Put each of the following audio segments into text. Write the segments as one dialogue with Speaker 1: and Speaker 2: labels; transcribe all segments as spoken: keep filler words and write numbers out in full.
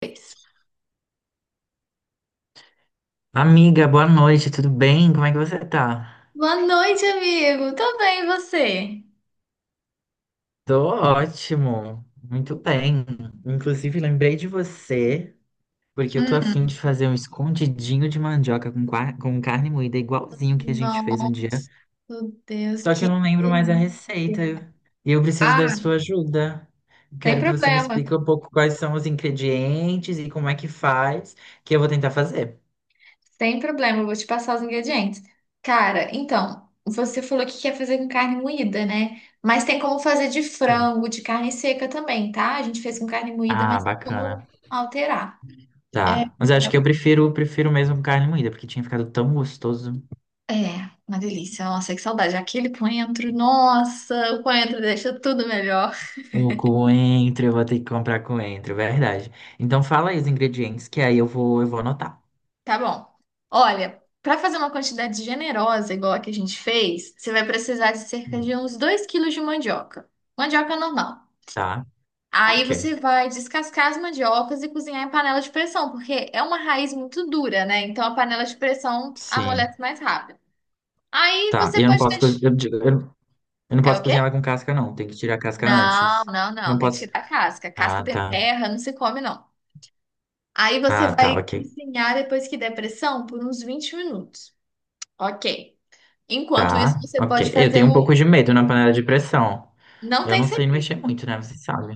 Speaker 1: Fez?
Speaker 2: Amiga, boa noite, tudo bem? Como é que você tá?
Speaker 1: Boa noite, amigo. Tô bem, e você?
Speaker 2: Tô ótimo, muito bem. Inclusive, lembrei de você, porque eu tô afim de
Speaker 1: Hum.
Speaker 2: fazer um escondidinho de mandioca com, qua- com carne moída, igualzinho que a gente fez um
Speaker 1: Nossa,
Speaker 2: dia.
Speaker 1: Deus,
Speaker 2: Só que eu
Speaker 1: que
Speaker 2: não lembro mais a
Speaker 1: delícia.
Speaker 2: receita eu- e eu preciso da
Speaker 1: ah,
Speaker 2: sua ajuda.
Speaker 1: sem
Speaker 2: Quero que você me
Speaker 1: problema.
Speaker 2: explique um pouco quais são os ingredientes e como é que faz, que eu vou tentar fazer.
Speaker 1: Sem problema, eu vou te passar os ingredientes. Cara, então, você falou que quer fazer com carne moída, né? Mas tem como fazer de
Speaker 2: Sim.
Speaker 1: frango, de carne seca também, tá? A gente fez com carne moída,
Speaker 2: Ah,
Speaker 1: mas tem
Speaker 2: bacana.
Speaker 1: como alterar. É,
Speaker 2: Tá. Mas acho que eu prefiro, prefiro mesmo carne moída, porque tinha ficado tão gostoso.
Speaker 1: é, uma delícia. Nossa, que saudade. Aquele coentro, nossa, o coentro deixa tudo melhor.
Speaker 2: O coentro, eu vou ter que comprar coentro, verdade. Então fala aí os ingredientes que aí eu vou, eu vou anotar.
Speaker 1: Tá bom. Olha, para fazer uma quantidade generosa, igual a que a gente fez, você vai precisar de cerca de uns dois quilos de mandioca. Mandioca normal.
Speaker 2: Tá?
Speaker 1: Aí
Speaker 2: Ok.
Speaker 1: você vai descascar as mandiocas e cozinhar em panela de pressão, porque é uma raiz muito dura, né? Então a panela de pressão
Speaker 2: Sim.
Speaker 1: amolece mais rápido. Aí
Speaker 2: Tá.
Speaker 1: você
Speaker 2: E Eu não
Speaker 1: pode
Speaker 2: posso
Speaker 1: deixar.
Speaker 2: cozinhar, eu, eu- eu não
Speaker 1: É o
Speaker 2: posso
Speaker 1: quê?
Speaker 2: cozinhar ela com casca, não. Tem que tirar a casca
Speaker 1: Não,
Speaker 2: antes.
Speaker 1: não,
Speaker 2: Não
Speaker 1: não. Tem que
Speaker 2: posso.
Speaker 1: tirar a casca. Casca
Speaker 2: Ah,
Speaker 1: tem
Speaker 2: tá.
Speaker 1: terra, não se come, não. Aí você
Speaker 2: Ah, tá,
Speaker 1: vai
Speaker 2: ok.
Speaker 1: cozinhar depois que der pressão por uns vinte minutos. Ok. Enquanto isso,
Speaker 2: Tá,
Speaker 1: você
Speaker 2: ok.
Speaker 1: pode
Speaker 2: Eu
Speaker 1: fazer
Speaker 2: tenho um pouco
Speaker 1: o.
Speaker 2: de medo na panela de pressão.
Speaker 1: Não
Speaker 2: Eu
Speaker 1: tem
Speaker 2: não sei
Speaker 1: segredo.
Speaker 2: mexer muito, né? Você sabe.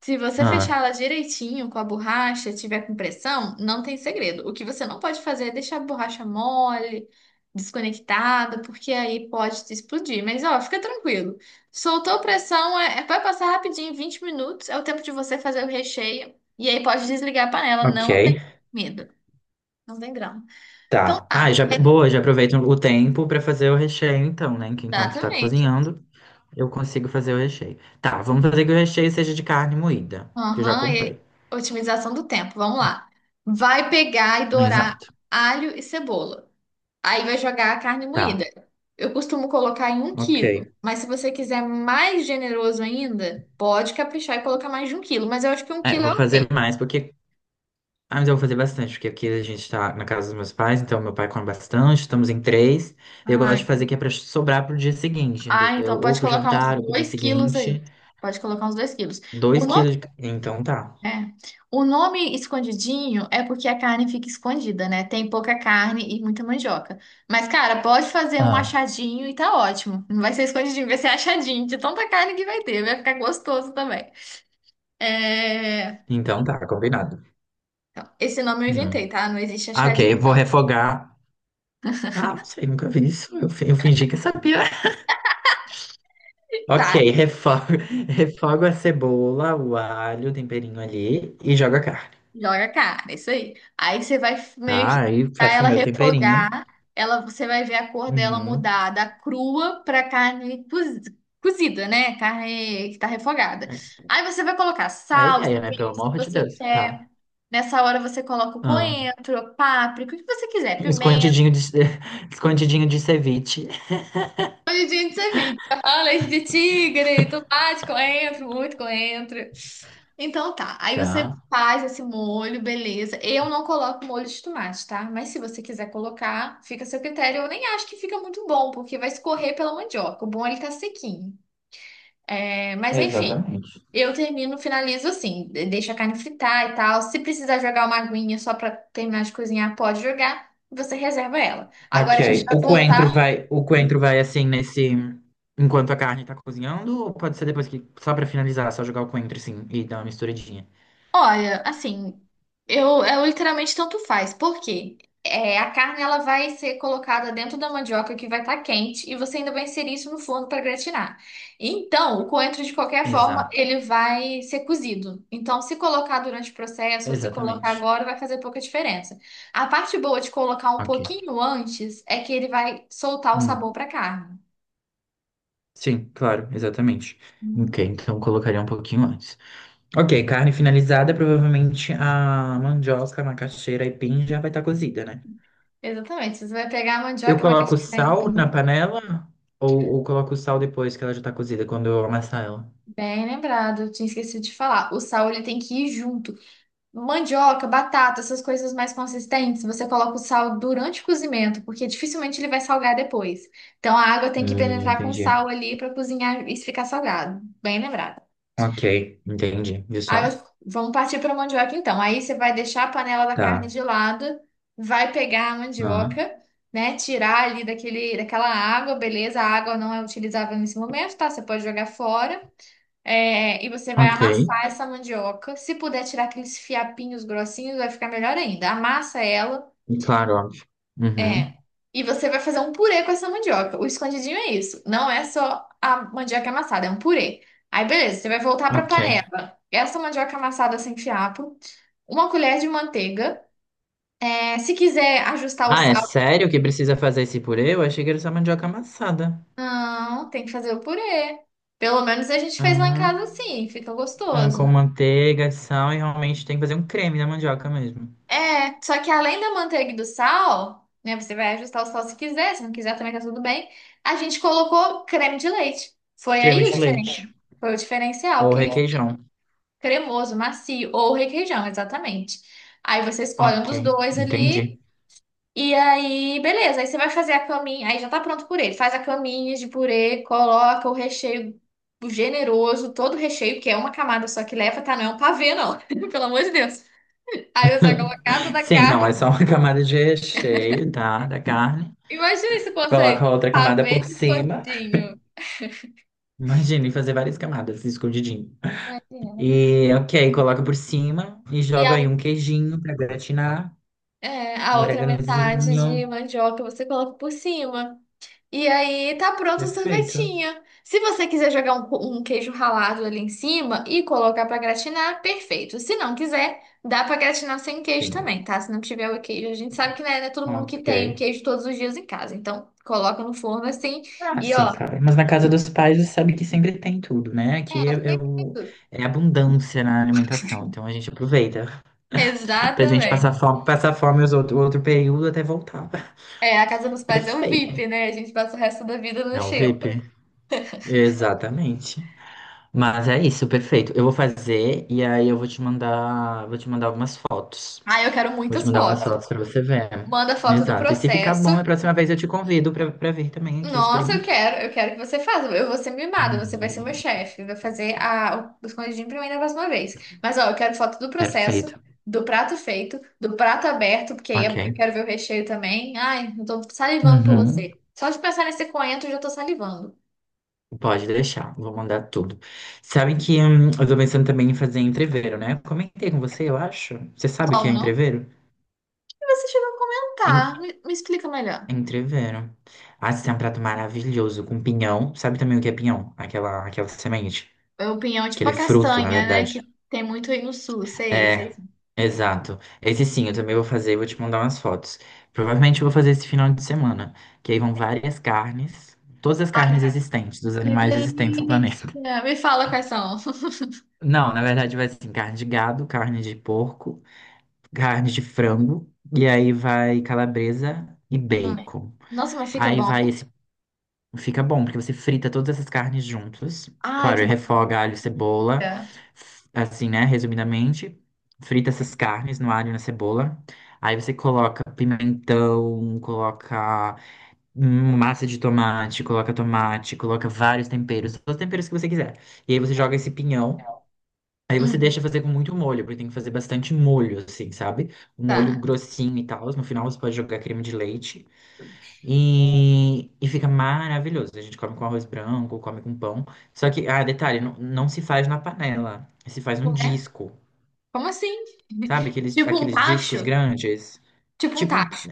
Speaker 1: Se você fechar
Speaker 2: Ah,
Speaker 1: ela direitinho com a borracha, tiver com pressão, não tem segredo. O que você não pode fazer é deixar a borracha mole, desconectada, porque aí pode te explodir. Mas, ó, fica tranquilo. Soltou pressão, é, é- vai passar rapidinho, vinte minutos, é o tempo de você fazer o recheio. E aí pode desligar a panela, não tem
Speaker 2: ok.
Speaker 1: medo. Não tem grão. Então
Speaker 2: Tá. Ah,
Speaker 1: tá.
Speaker 2: já, boa, já aproveito o tempo pra fazer o recheio, então, né? Que enquanto tá
Speaker 1: Exatamente.
Speaker 2: cozinhando. Eu consigo fazer o recheio. Tá, vamos fazer que o recheio seja de carne moída, que eu já
Speaker 1: Aham,
Speaker 2: comprei.
Speaker 1: e otimização do tempo. Vamos lá. Vai pegar e dourar
Speaker 2: Exato.
Speaker 1: alho e cebola. Aí vai jogar a carne moída.
Speaker 2: Tá,
Speaker 1: Eu costumo colocar em um
Speaker 2: ok.
Speaker 1: quilo, mas se você quiser mais generoso ainda, pode caprichar e colocar mais de um quilo. Mas eu acho que um
Speaker 2: É,
Speaker 1: quilo é
Speaker 2: vou fazer
Speaker 1: ok.
Speaker 2: mais, porque. Ah, mas eu vou fazer bastante, porque aqui a gente tá na casa dos meus pais, então meu pai come bastante, estamos em três. Eu gosto
Speaker 1: Ah,
Speaker 2: de fazer que é pra sobrar pro dia seguinte,
Speaker 1: ah,
Speaker 2: entendeu?
Speaker 1: então
Speaker 2: Ou
Speaker 1: pode
Speaker 2: pro
Speaker 1: colocar uns
Speaker 2: jantar, ou pro dia
Speaker 1: dois quilos aí.
Speaker 2: seguinte.
Speaker 1: Pode colocar uns dois quilos. O
Speaker 2: Dois
Speaker 1: nome
Speaker 2: quilos de. ca- Então tá.
Speaker 1: é. O nome escondidinho é porque a carne fica escondida, né? Tem pouca carne e muita mandioca. Mas, cara, pode fazer um
Speaker 2: Ah,
Speaker 1: achadinho e tá ótimo. Não vai ser escondidinho, vai ser achadinho de tanta carne que vai ter. Vai ficar gostoso também. É,
Speaker 2: então tá, combinado.
Speaker 1: então, esse nome eu
Speaker 2: Hum.
Speaker 1: inventei, tá? Não existe
Speaker 2: Ah, ok,
Speaker 1: achadinho,
Speaker 2: vou
Speaker 1: não.
Speaker 2: refogar. Ah, não sei, nunca vi isso. Eu, fi- eu fingi que sabia. Ok,
Speaker 1: Tá,
Speaker 2: refogo, refogo a cebola, o alho, o temperinho ali e joga a carne.
Speaker 1: joga a cara, isso aí. Aí você vai meio que
Speaker 2: Tá, aí
Speaker 1: deixar
Speaker 2: faço o
Speaker 1: ela
Speaker 2: meu temperinho.
Speaker 1: refogar, ela, você vai ver a cor dela
Speaker 2: Uhum.
Speaker 1: mudar da crua para carne cozi- cozida, né? Carne que tá refogada.
Speaker 2: É
Speaker 1: Aí você vai colocar
Speaker 2: é a
Speaker 1: sal, os
Speaker 2: ideia, né? Pelo
Speaker 1: temperos que
Speaker 2: amor de
Speaker 1: você
Speaker 2: Deus.
Speaker 1: quer.
Speaker 2: Tá.
Speaker 1: Nessa hora você coloca o
Speaker 2: Ah,
Speaker 1: coentro, páprica, o que você quiser.
Speaker 2: escondidinho de, escondidinho de ceviche.
Speaker 1: Hoje a gente se vira. Fala leite de tigre, tomate, coentro, muito coentro. Então tá, aí você
Speaker 2: Tá.
Speaker 1: faz esse molho, beleza. Eu não coloco molho de tomate, tá? Mas se você quiser colocar, fica a seu critério. Eu nem acho que fica muito bom, porque vai escorrer pela mandioca. O bom é ele tá sequinho. É, mas enfim,
Speaker 2: Exatamente.
Speaker 1: eu termino, finalizo assim, de- deixo a carne fritar e tal. Se precisar jogar uma aguinha só pra terminar de cozinhar, pode jogar. Você reserva ela.
Speaker 2: Ok,
Speaker 1: Agora a gente vai
Speaker 2: o coentro
Speaker 1: voltar.
Speaker 2: vai, o coentro vai assim nesse, enquanto a carne tá cozinhando, ou pode ser depois que, só pra finalizar, só jogar o coentro assim e dar uma misturadinha.
Speaker 1: Olha, assim, eu, eu literalmente tanto faz, porque é, a carne ela vai ser colocada dentro da mandioca que vai estar quente e você ainda vai inserir isso no forno para gratinar. Então, o coentro de qualquer forma
Speaker 2: Exato.
Speaker 1: ele vai ser cozido. Então, se colocar durante o processo ou se colocar
Speaker 2: Exatamente.
Speaker 1: agora vai fazer pouca diferença. A parte boa de colocar um
Speaker 2: Ok.
Speaker 1: pouquinho antes é que ele vai soltar o
Speaker 2: Hum.
Speaker 1: sabor para a carne.
Speaker 2: Sim, claro, exatamente. Ok,
Speaker 1: Uhum.
Speaker 2: então colocaria um pouquinho antes. Ok, carne finalizada, provavelmente a mandioca, a macaxeira e pin já vai estar cozida, né?
Speaker 1: Exatamente. Você vai pegar a
Speaker 2: Eu
Speaker 1: mandioca e uma
Speaker 2: coloco
Speaker 1: casquinha.
Speaker 2: sal na panela ou, ou coloco sal depois que ela já tá cozida, quando eu amassar ela?
Speaker 1: Bem lembrado, eu tinha esquecido de falar. O sal ele tem que ir junto. Mandioca, batata, essas coisas mais consistentes, você coloca o sal durante o cozimento, porque dificilmente ele vai salgar depois. Então a água tem que
Speaker 2: Hum,
Speaker 1: penetrar com
Speaker 2: entendi.
Speaker 1: sal ali para cozinhar e ficar salgado. Bem lembrado.
Speaker 2: Ok, entendi. Viu
Speaker 1: Aí
Speaker 2: só?
Speaker 1: eu- vamos partir para a mandioca então. Aí você vai deixar a panela da carne
Speaker 2: Tá.
Speaker 1: de lado, vai pegar a
Speaker 2: Ah,
Speaker 1: mandioca, né? Tirar ali daquele, daquela água, beleza? A água não é utilizável nesse momento, tá? Você pode jogar fora. É, e você vai
Speaker 2: ok,
Speaker 1: amassar essa mandioca. Se puder tirar aqueles fiapinhos grossinhos, vai ficar melhor ainda. Amassa ela.
Speaker 2: claro, óbvio.
Speaker 1: É.
Speaker 2: Uhum.
Speaker 1: E você vai fazer um purê com essa mandioca. O escondidinho é isso. Não é só a mandioca amassada, é um purê. Aí, beleza, você vai voltar para a
Speaker 2: Ok.
Speaker 1: panela. Essa mandioca amassada sem fiapo. Uma colher de manteiga. É, se quiser ajustar o
Speaker 2: Ah, é
Speaker 1: sal,
Speaker 2: sério que precisa fazer esse purê? Eu achei que era só mandioca amassada.
Speaker 1: não, tem que fazer o purê. Pelo menos a gente fez lá em
Speaker 2: Ah.
Speaker 1: casa assim, fica
Speaker 2: Ah,
Speaker 1: gostoso.
Speaker 2: com manteiga, sal e realmente tem que fazer um creme da mandioca mesmo.
Speaker 1: É, só que além da manteiga e do sal, né? Você vai ajustar o sal se quiser, se não quiser também tá tudo bem. A gente colocou creme de leite. Foi
Speaker 2: Creme
Speaker 1: aí o
Speaker 2: de
Speaker 1: diferencial.
Speaker 2: leite
Speaker 1: Foi o diferencial,
Speaker 2: ou
Speaker 1: aquele
Speaker 2: requeijão.
Speaker 1: cremoso, macio, ou requeijão, exatamente. Aí você escolhe um
Speaker 2: Ok,
Speaker 1: dos dois
Speaker 2: entendi.
Speaker 1: ali, e aí, beleza. Aí você vai fazer a caminha, aí já tá pronto o purê. Faz a caminha de purê, coloca o recheio generoso, todo o recheio, que é uma camada só que leva, tá? Não é um pavê, não. Pelo amor de Deus. Aí você coloca cada da
Speaker 2: Sim, não, é
Speaker 1: carne.
Speaker 2: só uma camada de recheio, tá? Da carne.
Speaker 1: Imagina se consegue
Speaker 2: Coloca outra camada
Speaker 1: pavê
Speaker 2: por
Speaker 1: de
Speaker 2: cima.
Speaker 1: escondidinho.
Speaker 2: Imagina, e fazer várias camadas escondidinho.
Speaker 1: Imagina.
Speaker 2: E, ok, coloca por cima e
Speaker 1: E
Speaker 2: joga
Speaker 1: a,
Speaker 2: aí um queijinho pra gratinar.
Speaker 1: é, a
Speaker 2: Um
Speaker 1: outra metade
Speaker 2: oreganozinho.
Speaker 1: de mandioca você coloca por cima. E aí tá pronto o
Speaker 2: Perfeito.
Speaker 1: sorvetinho. Se você quiser jogar um, um queijo ralado ali em cima e colocar pra gratinar, perfeito. Se não quiser, dá pra gratinar sem queijo
Speaker 2: Sim.
Speaker 1: também, tá? Se não tiver o queijo, a gente sabe que não é, não é todo mundo que
Speaker 2: Ok.
Speaker 1: tem o queijo todos os dias em casa. Então, coloca no forno assim
Speaker 2: Ah,
Speaker 1: e
Speaker 2: sim,
Speaker 1: ó.
Speaker 2: cara. Mas na casa dos pais você sabe que sempre tem tudo, né? Aqui
Speaker 1: É,
Speaker 2: é, é,
Speaker 1: sempre
Speaker 2: o-
Speaker 1: tudo.
Speaker 2: é abundância na alimentação. Então a gente aproveita pra gente passar
Speaker 1: Exatamente.
Speaker 2: fome, passar fome os outro, o outro período até voltar.
Speaker 1: É, a casa dos pais é o
Speaker 2: Perfeito.
Speaker 1: VIP, né? A gente passa o resto da vida na
Speaker 2: Não,
Speaker 1: xepa.
Speaker 2: V I P. Exatamente. Mas é isso, perfeito. Eu vou fazer e aí eu vou te mandar, vou te mandar algumas fotos.
Speaker 1: Ah, eu quero
Speaker 2: Vou te
Speaker 1: muitas
Speaker 2: mandar umas
Speaker 1: fotos.
Speaker 2: fotos pra você ver.
Speaker 1: Manda foto do
Speaker 2: Exato. E se ficar
Speaker 1: processo.
Speaker 2: bom, na próxima vez eu te convido pra, pra vir também aqui
Speaker 1: Nossa, eu
Speaker 2: experimentar.
Speaker 1: quero, eu quero que você faça. Eu vou ser mimada, você vai ser meu
Speaker 2: Uhum.
Speaker 1: chefe. Vai fazer a, o escondidinho pra mim da próxima vez. Mas, ó, eu quero foto do processo,
Speaker 2: Perfeito.
Speaker 1: do prato feito, do prato aberto, porque aí eu
Speaker 2: Ok.
Speaker 1: quero ver o recheio também. Ai, eu tô salivando por
Speaker 2: Uhum.
Speaker 1: você. Só de pensar nesse coentro, eu já tô salivando.
Speaker 2: Pode deixar, vou mandar tudo. Sabe que hum, eu tô pensando também em fazer entreveiro, né? Eu Comentei com você, eu acho. Você sabe o que é
Speaker 1: Como?
Speaker 2: entreveiro?
Speaker 1: E você chegou a comentar.
Speaker 2: En-
Speaker 1: Me, me explica melhor.
Speaker 2: Entreveiro. Ah, esse é um prato maravilhoso com pinhão. Sabe também o que é pinhão? Aquela, aquela semente,
Speaker 1: É o pinhão tipo
Speaker 2: aquele
Speaker 1: a
Speaker 2: fruto, na
Speaker 1: castanha, né?
Speaker 2: verdade.
Speaker 1: Que tem muito aí no sul, sei, sei.
Speaker 2: É, exato. Esse sim, eu também vou fazer, vou te mandar umas fotos. Provavelmente eu vou fazer esse final de semana, que aí vão várias carnes, todas as
Speaker 1: Ai,
Speaker 2: carnes existentes, dos
Speaker 1: que
Speaker 2: animais existentes no planeta.
Speaker 1: delícia! Me fala quais são.
Speaker 2: Não, na verdade vai ser assim, carne de gado, carne de porco, carne de frango, e aí vai calabresa e
Speaker 1: Ai,
Speaker 2: bacon.
Speaker 1: nossa, mas fica
Speaker 2: Aí vai
Speaker 1: bom.
Speaker 2: esse. Fica bom, porque você frita todas essas carnes juntas.
Speaker 1: Ai, que
Speaker 2: Claro, refoga alho, cebola,
Speaker 1: delícia.
Speaker 2: f- assim, né? Resumidamente, frita essas carnes no alho e na cebola. Aí você coloca pimentão, coloca hum, massa de tomate, coloca tomate, coloca vários temperos, todos os temperos que você quiser. E aí você joga esse pinhão. Aí você
Speaker 1: Hum,
Speaker 2: deixa fazer com muito molho, porque tem que fazer bastante molho, assim, sabe? Um molho
Speaker 1: tá.
Speaker 2: grossinho e tal. No final você pode jogar creme de leite e, e fica maravilhoso. A gente come com arroz branco, come com pão. Só que, ah, detalhe, não, não se faz na panela. Se faz um
Speaker 1: Ué?
Speaker 2: disco,
Speaker 1: Como assim?
Speaker 2: sabe? Aqueles,
Speaker 1: Tipo um
Speaker 2: aqueles discos
Speaker 1: tacho?
Speaker 2: grandes.
Speaker 1: Tipo um
Speaker 2: Tipo um.
Speaker 1: tacho.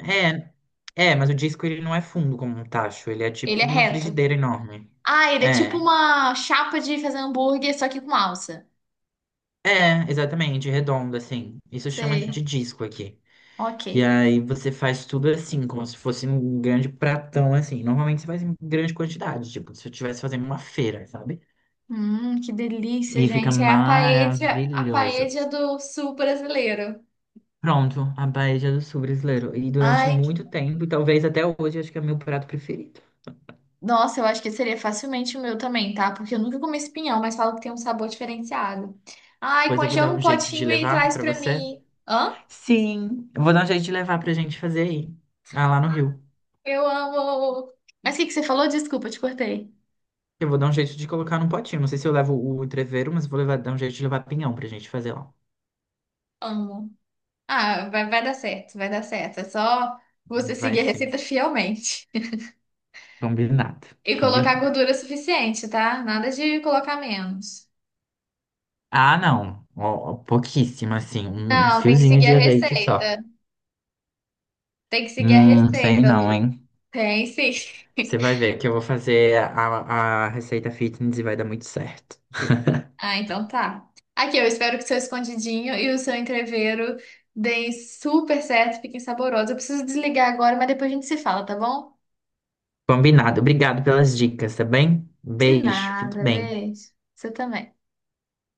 Speaker 2: É, é, mas o disco ele não é fundo como um tacho, ele é
Speaker 1: Ele é
Speaker 2: tipo uma
Speaker 1: reto.
Speaker 2: frigideira enorme.
Speaker 1: Ah, ele é tipo
Speaker 2: É,
Speaker 1: uma chapa de fazer hambúrguer, só que com alça.
Speaker 2: é, exatamente, redondo, assim. Isso chama
Speaker 1: Sei.
Speaker 2: de disco aqui.
Speaker 1: Ok.
Speaker 2: E aí você faz tudo assim, como se fosse um grande pratão assim. Normalmente você faz em grande quantidade, tipo, se eu estivesse fazendo uma feira, sabe?
Speaker 1: Hum, que delícia,
Speaker 2: E fica
Speaker 1: gente. É a paella, a
Speaker 2: maravilhoso.
Speaker 1: paella do sul brasileiro.
Speaker 2: Pronto, a paella do sul brasileiro. E durante
Speaker 1: Ai,
Speaker 2: muito tempo, e talvez até hoje, acho que é meu prato preferido.
Speaker 1: nossa, eu acho que seria facilmente o meu também, tá? Porque eu nunca comi espinhão, mas falo que tem um sabor diferenciado. Ai,
Speaker 2: Pois eu vou
Speaker 1: congela
Speaker 2: dar
Speaker 1: um
Speaker 2: um jeito de
Speaker 1: potinho e
Speaker 2: levar
Speaker 1: traz
Speaker 2: pra
Speaker 1: pra
Speaker 2: você.
Speaker 1: mim. Hã?
Speaker 2: Sim, eu vou dar um jeito de levar pra gente fazer aí. Ah, lá no Rio.
Speaker 1: Eu amo. Mas o que que você falou? Desculpa, eu te cortei.
Speaker 2: Eu vou dar um jeito de colocar num potinho. Não sei se eu levo o treveiro, mas eu vou levar, dar um jeito de levar pinhão pra gente fazer lá.
Speaker 1: Amo. Ah, vai, vai dar certo, vai dar certo. É só você
Speaker 2: Vai
Speaker 1: seguir a
Speaker 2: sim.
Speaker 1: receita fielmente.
Speaker 2: Combinado.
Speaker 1: E colocar
Speaker 2: Combinado.
Speaker 1: gordura suficiente, tá? Nada de colocar menos.
Speaker 2: Ah, não. Ó, ó, pouquíssimo, assim. Um um
Speaker 1: Não, tem que
Speaker 2: fiozinho
Speaker 1: seguir
Speaker 2: de
Speaker 1: a
Speaker 2: azeite só.
Speaker 1: receita. Tem que seguir a
Speaker 2: Hum, sei
Speaker 1: receita,
Speaker 2: não,
Speaker 1: Lu.
Speaker 2: hein?
Speaker 1: Tem sim.
Speaker 2: Você vai ver que eu vou fazer a, a receita fitness e vai dar muito certo.
Speaker 1: Ah, então tá. Aqui, eu espero que o seu escondidinho e o seu entrevero deem super certo, fiquem saborosos. Eu preciso desligar agora, mas depois a gente se fala, tá bom?
Speaker 2: Combinado. Obrigado pelas dicas, tá bem?
Speaker 1: De
Speaker 2: Beijo. Fique
Speaker 1: nada,
Speaker 2: bem.
Speaker 1: beijo. Você também.